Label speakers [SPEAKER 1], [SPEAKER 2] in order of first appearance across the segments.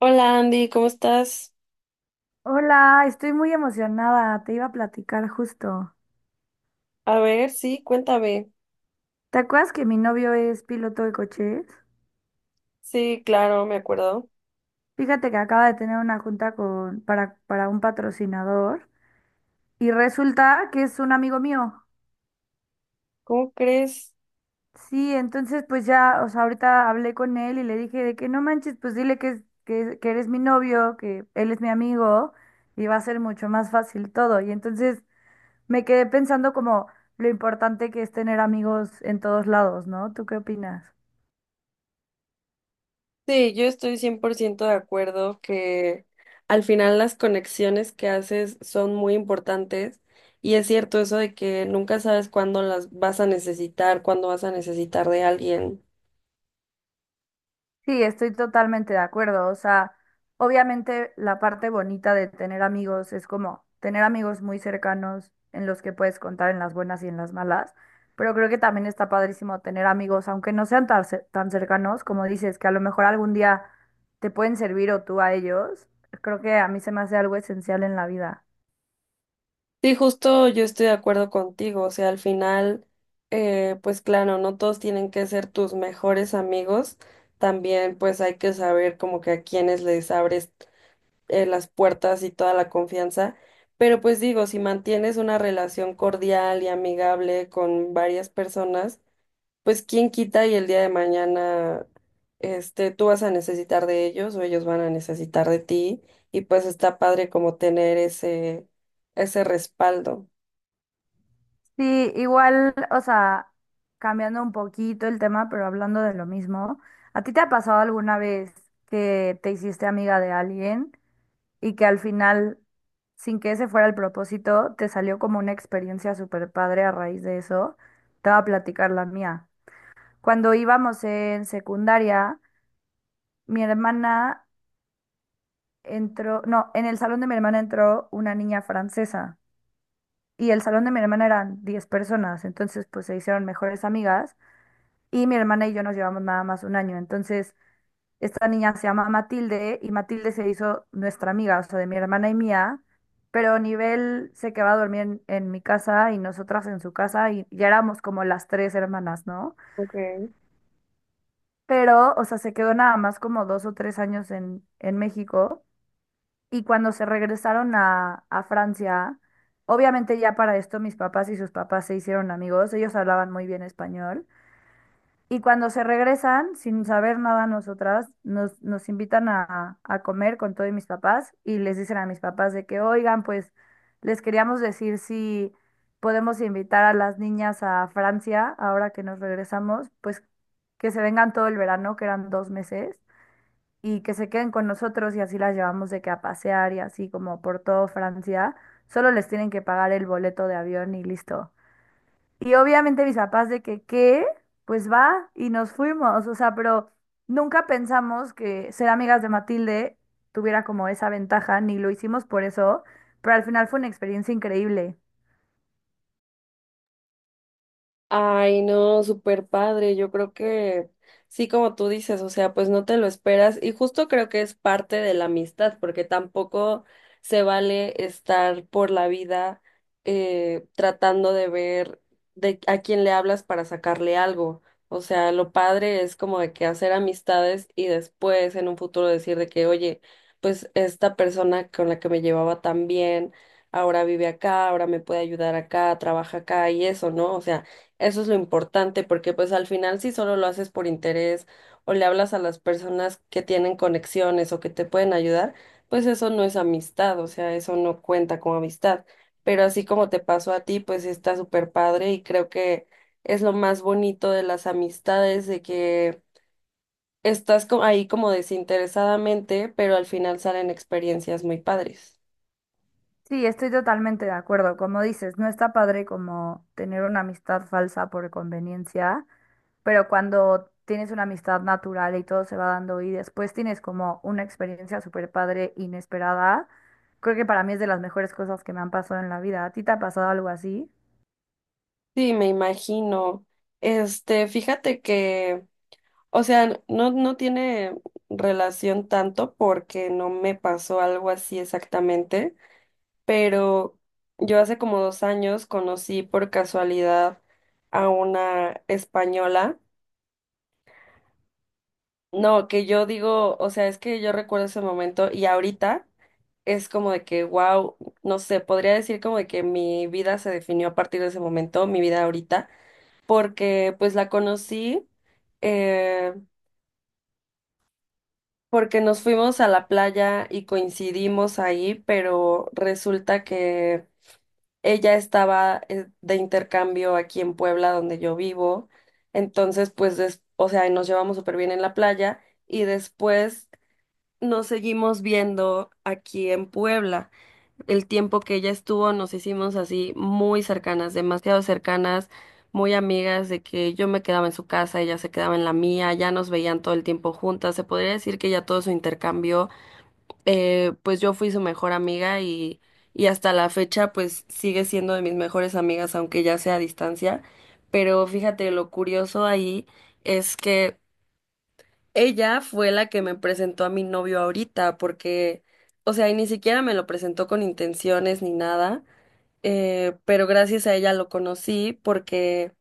[SPEAKER 1] Hola Andy, ¿cómo estás?
[SPEAKER 2] Hola, estoy muy emocionada, te iba a platicar justo.
[SPEAKER 1] A ver, sí, cuéntame.
[SPEAKER 2] ¿Te acuerdas que mi novio es piloto de coches?
[SPEAKER 1] Sí, claro, me acuerdo.
[SPEAKER 2] Fíjate que acaba de tener una junta con, para un patrocinador y resulta que es un amigo mío.
[SPEAKER 1] ¿Cómo crees?
[SPEAKER 2] Sí, entonces pues ya, o sea, ahorita hablé con él y le dije de que no manches, pues dile que, que eres mi novio, que él es mi amigo y va a ser mucho más fácil todo. Y entonces me quedé pensando como lo importante que es tener amigos en todos lados, ¿no? ¿Tú qué opinas?
[SPEAKER 1] Sí, yo estoy 100% de acuerdo que al final las conexiones que haces son muy importantes y es cierto eso de que nunca sabes cuándo las vas a necesitar, cuándo vas a necesitar de alguien.
[SPEAKER 2] Sí, estoy totalmente de acuerdo. O sea, obviamente la parte bonita de tener amigos es como tener amigos muy cercanos en los que puedes contar en las buenas y en las malas, pero creo que también está padrísimo tener amigos, aunque no sean tan, tan cercanos, como dices, que a lo mejor algún día te pueden servir o tú a ellos. Creo que a mí se me hace algo esencial en la vida.
[SPEAKER 1] Sí, justo yo estoy de acuerdo contigo, o sea, al final, pues claro, no todos tienen que ser tus mejores amigos. También pues hay que saber como que a quiénes les abres las puertas y toda la confianza. Pero pues digo, si mantienes una relación cordial y amigable con varias personas, pues quién quita y el día de mañana, tú vas a necesitar de ellos o ellos van a necesitar de ti. Y pues está padre como tener ese respaldo.
[SPEAKER 2] Sí, igual, o sea, cambiando un poquito el tema, pero hablando de lo mismo, ¿a ti te ha pasado alguna vez que te hiciste amiga de alguien y que al final, sin que ese fuera el propósito, te salió como una experiencia súper padre a raíz de eso? Te voy a platicar la mía. Cuando íbamos en secundaria, mi hermana entró, no, en el salón de mi hermana entró una niña francesa y el salón de mi hermana eran 10 personas, entonces pues se hicieron mejores amigas. Y mi hermana y yo nos llevamos nada más un año. Entonces, esta niña se llama Matilde y Matilde se hizo nuestra amiga, o sea, de mi hermana y mía, pero nivel se quedaba a dormir en mi casa y nosotras en su casa y ya éramos como las tres hermanas, ¿no?
[SPEAKER 1] Ok.
[SPEAKER 2] Pero, o sea, se quedó nada más como 2 o 3 años en México y cuando se regresaron a Francia, obviamente ya para esto mis papás y sus papás se hicieron amigos, ellos hablaban muy bien español. Y cuando se regresan, sin saber nada nosotras, nos invitan a comer con todos mis papás y les dicen a mis papás de que, oigan, pues les queríamos decir si podemos invitar a las niñas a Francia ahora que nos regresamos, pues que se vengan todo el verano, que eran 2 meses, y que se queden con nosotros y así las llevamos de que a pasear y así como por todo Francia. Solo les tienen que pagar el boleto de avión y listo. Y obviamente mis papás de que, ¿qué? Pues va y nos fuimos, o sea, pero nunca pensamos que ser amigas de Matilde tuviera como esa ventaja, ni lo hicimos por eso, pero al final fue una experiencia increíble.
[SPEAKER 1] Ay, no, súper padre. Yo creo que sí, como tú dices, o sea, pues no te lo esperas y justo creo que es parte de la amistad, porque tampoco se vale estar por la vida tratando de ver de a quién le hablas para sacarle algo. O sea, lo padre es como de que hacer amistades y después en un futuro decir de que, oye, pues esta persona con la que me llevaba tan bien, ahora vive acá, ahora me puede ayudar acá, trabaja acá y eso, ¿no? O sea, eso es lo importante, porque pues al final si solo lo haces por interés o le hablas a las personas que tienen conexiones o que te pueden ayudar, pues eso no es amistad, o sea, eso no cuenta como amistad. Pero así como te pasó a ti, pues está súper padre y creo que es lo más bonito de las amistades, de que estás ahí como desinteresadamente, pero al final salen experiencias muy padres.
[SPEAKER 2] Sí, estoy totalmente de acuerdo, como dices, no está padre como tener una amistad falsa por conveniencia, pero cuando tienes una amistad natural y todo se va dando y después tienes como una experiencia súper padre, inesperada, creo que para mí es de las mejores cosas que me han pasado en la vida. ¿A ti te ha pasado algo así?
[SPEAKER 1] Sí, me imagino. Fíjate que. O sea, no, no tiene relación tanto porque no me pasó algo así exactamente, pero yo hace como 2 años conocí por casualidad a una española. No, que yo digo, o sea, es que yo recuerdo ese momento y ahorita es como de que, wow, no sé, podría decir como de que mi vida se definió a partir de ese momento, mi vida ahorita, porque pues la conocí. eh, Porque nos fuimos a la playa y coincidimos ahí, pero resulta que ella estaba de intercambio aquí en Puebla, donde yo vivo. Entonces, pues, o sea, nos llevamos súper bien en la playa y después nos seguimos viendo aquí en Puebla. El tiempo que ella estuvo, nos hicimos así muy cercanas, demasiado cercanas, muy amigas de que yo me quedaba en su casa, ella se quedaba en la mía, ya nos veían todo el tiempo juntas. Se podría decir que ya todo su intercambio pues yo fui su mejor amiga y hasta la fecha pues sigue siendo de mis mejores amigas, aunque ya sea a distancia. Pero fíjate, lo curioso ahí es que ella fue la que me presentó a mi novio ahorita, porque, o sea, y ni siquiera me lo presentó con intenciones ni nada, pero gracias a ella lo conocí.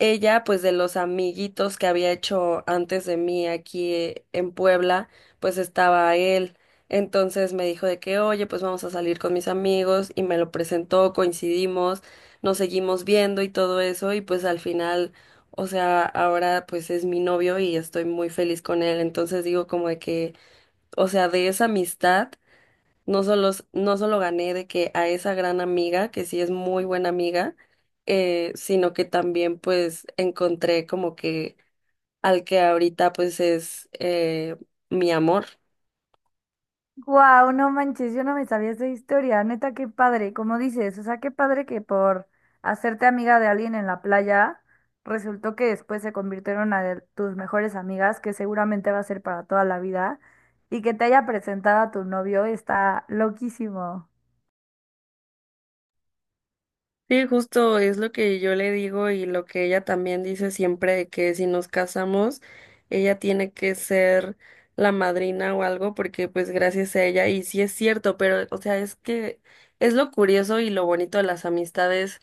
[SPEAKER 1] Ella, pues de los amiguitos que había hecho antes de mí aquí en Puebla, pues estaba él. Entonces me dijo de que, oye, pues vamos a salir con mis amigos y me lo presentó, coincidimos, nos seguimos viendo y todo eso y pues al final, o sea, ahora pues es mi novio y estoy muy feliz con él. Entonces digo como de que, o sea, de esa amistad. No solo, no solo gané de que a esa gran amiga, que sí es muy buena amiga, sino que también pues encontré como que al que ahorita pues es mi amor.
[SPEAKER 2] Wow, no manches, yo no me sabía esa historia, neta, qué padre, como dices, o sea, qué padre que por hacerte amiga de alguien en la playa, resultó que después se convirtieron a de tus mejores amigas, que seguramente va a ser para toda la vida, y que te haya presentado a tu novio, está loquísimo.
[SPEAKER 1] Sí, justo es lo que yo le digo y lo que ella también dice siempre de que si nos casamos, ella tiene que ser la madrina o algo porque pues gracias a ella y sí es cierto, pero o sea, es que es lo curioso y lo bonito de las amistades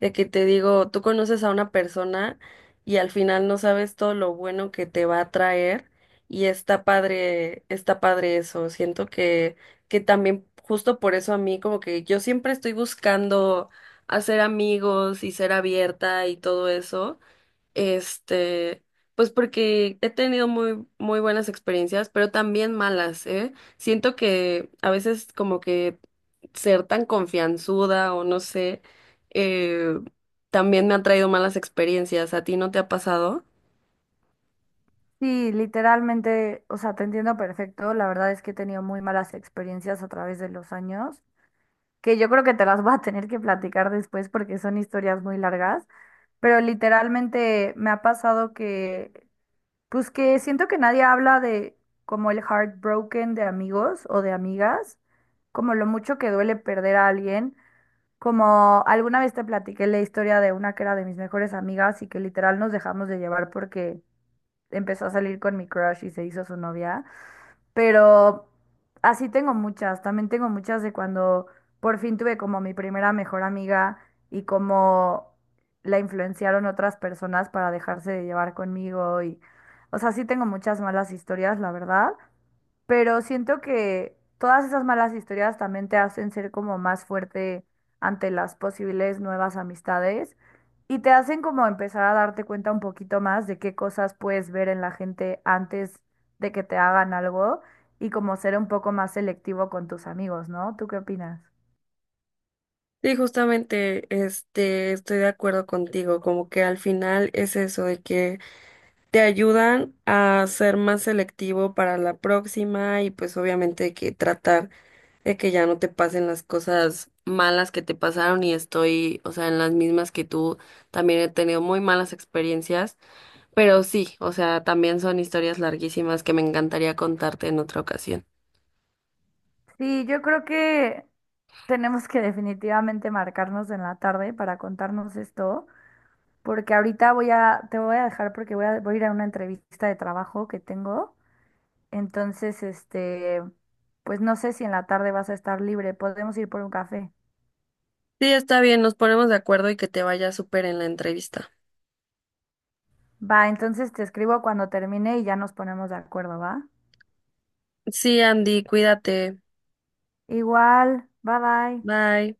[SPEAKER 1] de que te digo, tú conoces a una persona y al final no sabes todo lo bueno que te va a traer y está padre eso. Siento que también justo por eso a mí como que yo siempre estoy buscando hacer amigos y ser abierta y todo eso. Este, pues porque he tenido muy, muy buenas experiencias, pero también malas, ¿eh? Siento que a veces como que ser tan confianzuda o no sé, eh, también me ha traído malas experiencias. ¿A ti no te ha pasado?
[SPEAKER 2] Sí, literalmente, o sea, te entiendo perfecto. La verdad es que he tenido muy malas experiencias a través de los años, que yo creo que te las voy a tener que platicar después porque son historias muy largas, pero literalmente me ha pasado que, pues que siento que nadie habla de como el heartbroken de amigos o de amigas, como lo mucho que duele perder a alguien, como alguna vez te platiqué la historia de una que era de mis mejores amigas y que literal nos dejamos de llevar porque empezó a salir con mi crush y se hizo su novia, pero así tengo muchas, también tengo muchas de cuando por fin tuve como mi primera mejor amiga y como la influenciaron otras personas para dejarse de llevar conmigo y, o sea, sí tengo muchas malas historias, la verdad, pero siento que todas esas malas historias también te hacen ser como más fuerte ante las posibles nuevas amistades y te hacen como empezar a darte cuenta un poquito más de qué cosas puedes ver en la gente antes de que te hagan algo y como ser un poco más selectivo con tus amigos, ¿no? ¿Tú qué opinas?
[SPEAKER 1] Sí, justamente, estoy de acuerdo contigo, como que al final es eso de que te ayudan a ser más selectivo para la próxima y pues obviamente que tratar de que ya no te pasen las cosas malas que te pasaron y estoy, o sea, en las mismas que tú, también he tenido muy malas experiencias, pero sí, o sea, también son historias larguísimas que me encantaría contarte en otra ocasión.
[SPEAKER 2] Sí, yo creo que tenemos que definitivamente marcarnos en la tarde para contarnos esto, porque ahorita te voy a dejar porque voy a ir a una entrevista de trabajo que tengo. Entonces, este, pues no sé si en la tarde vas a estar libre, podemos ir por un café.
[SPEAKER 1] Sí, está bien, nos ponemos de acuerdo y que te vaya súper en la entrevista.
[SPEAKER 2] Va, entonces te escribo cuando termine y ya nos ponemos de acuerdo, ¿va?
[SPEAKER 1] Sí, Andy, cuídate.
[SPEAKER 2] Igual, bye bye.
[SPEAKER 1] Bye.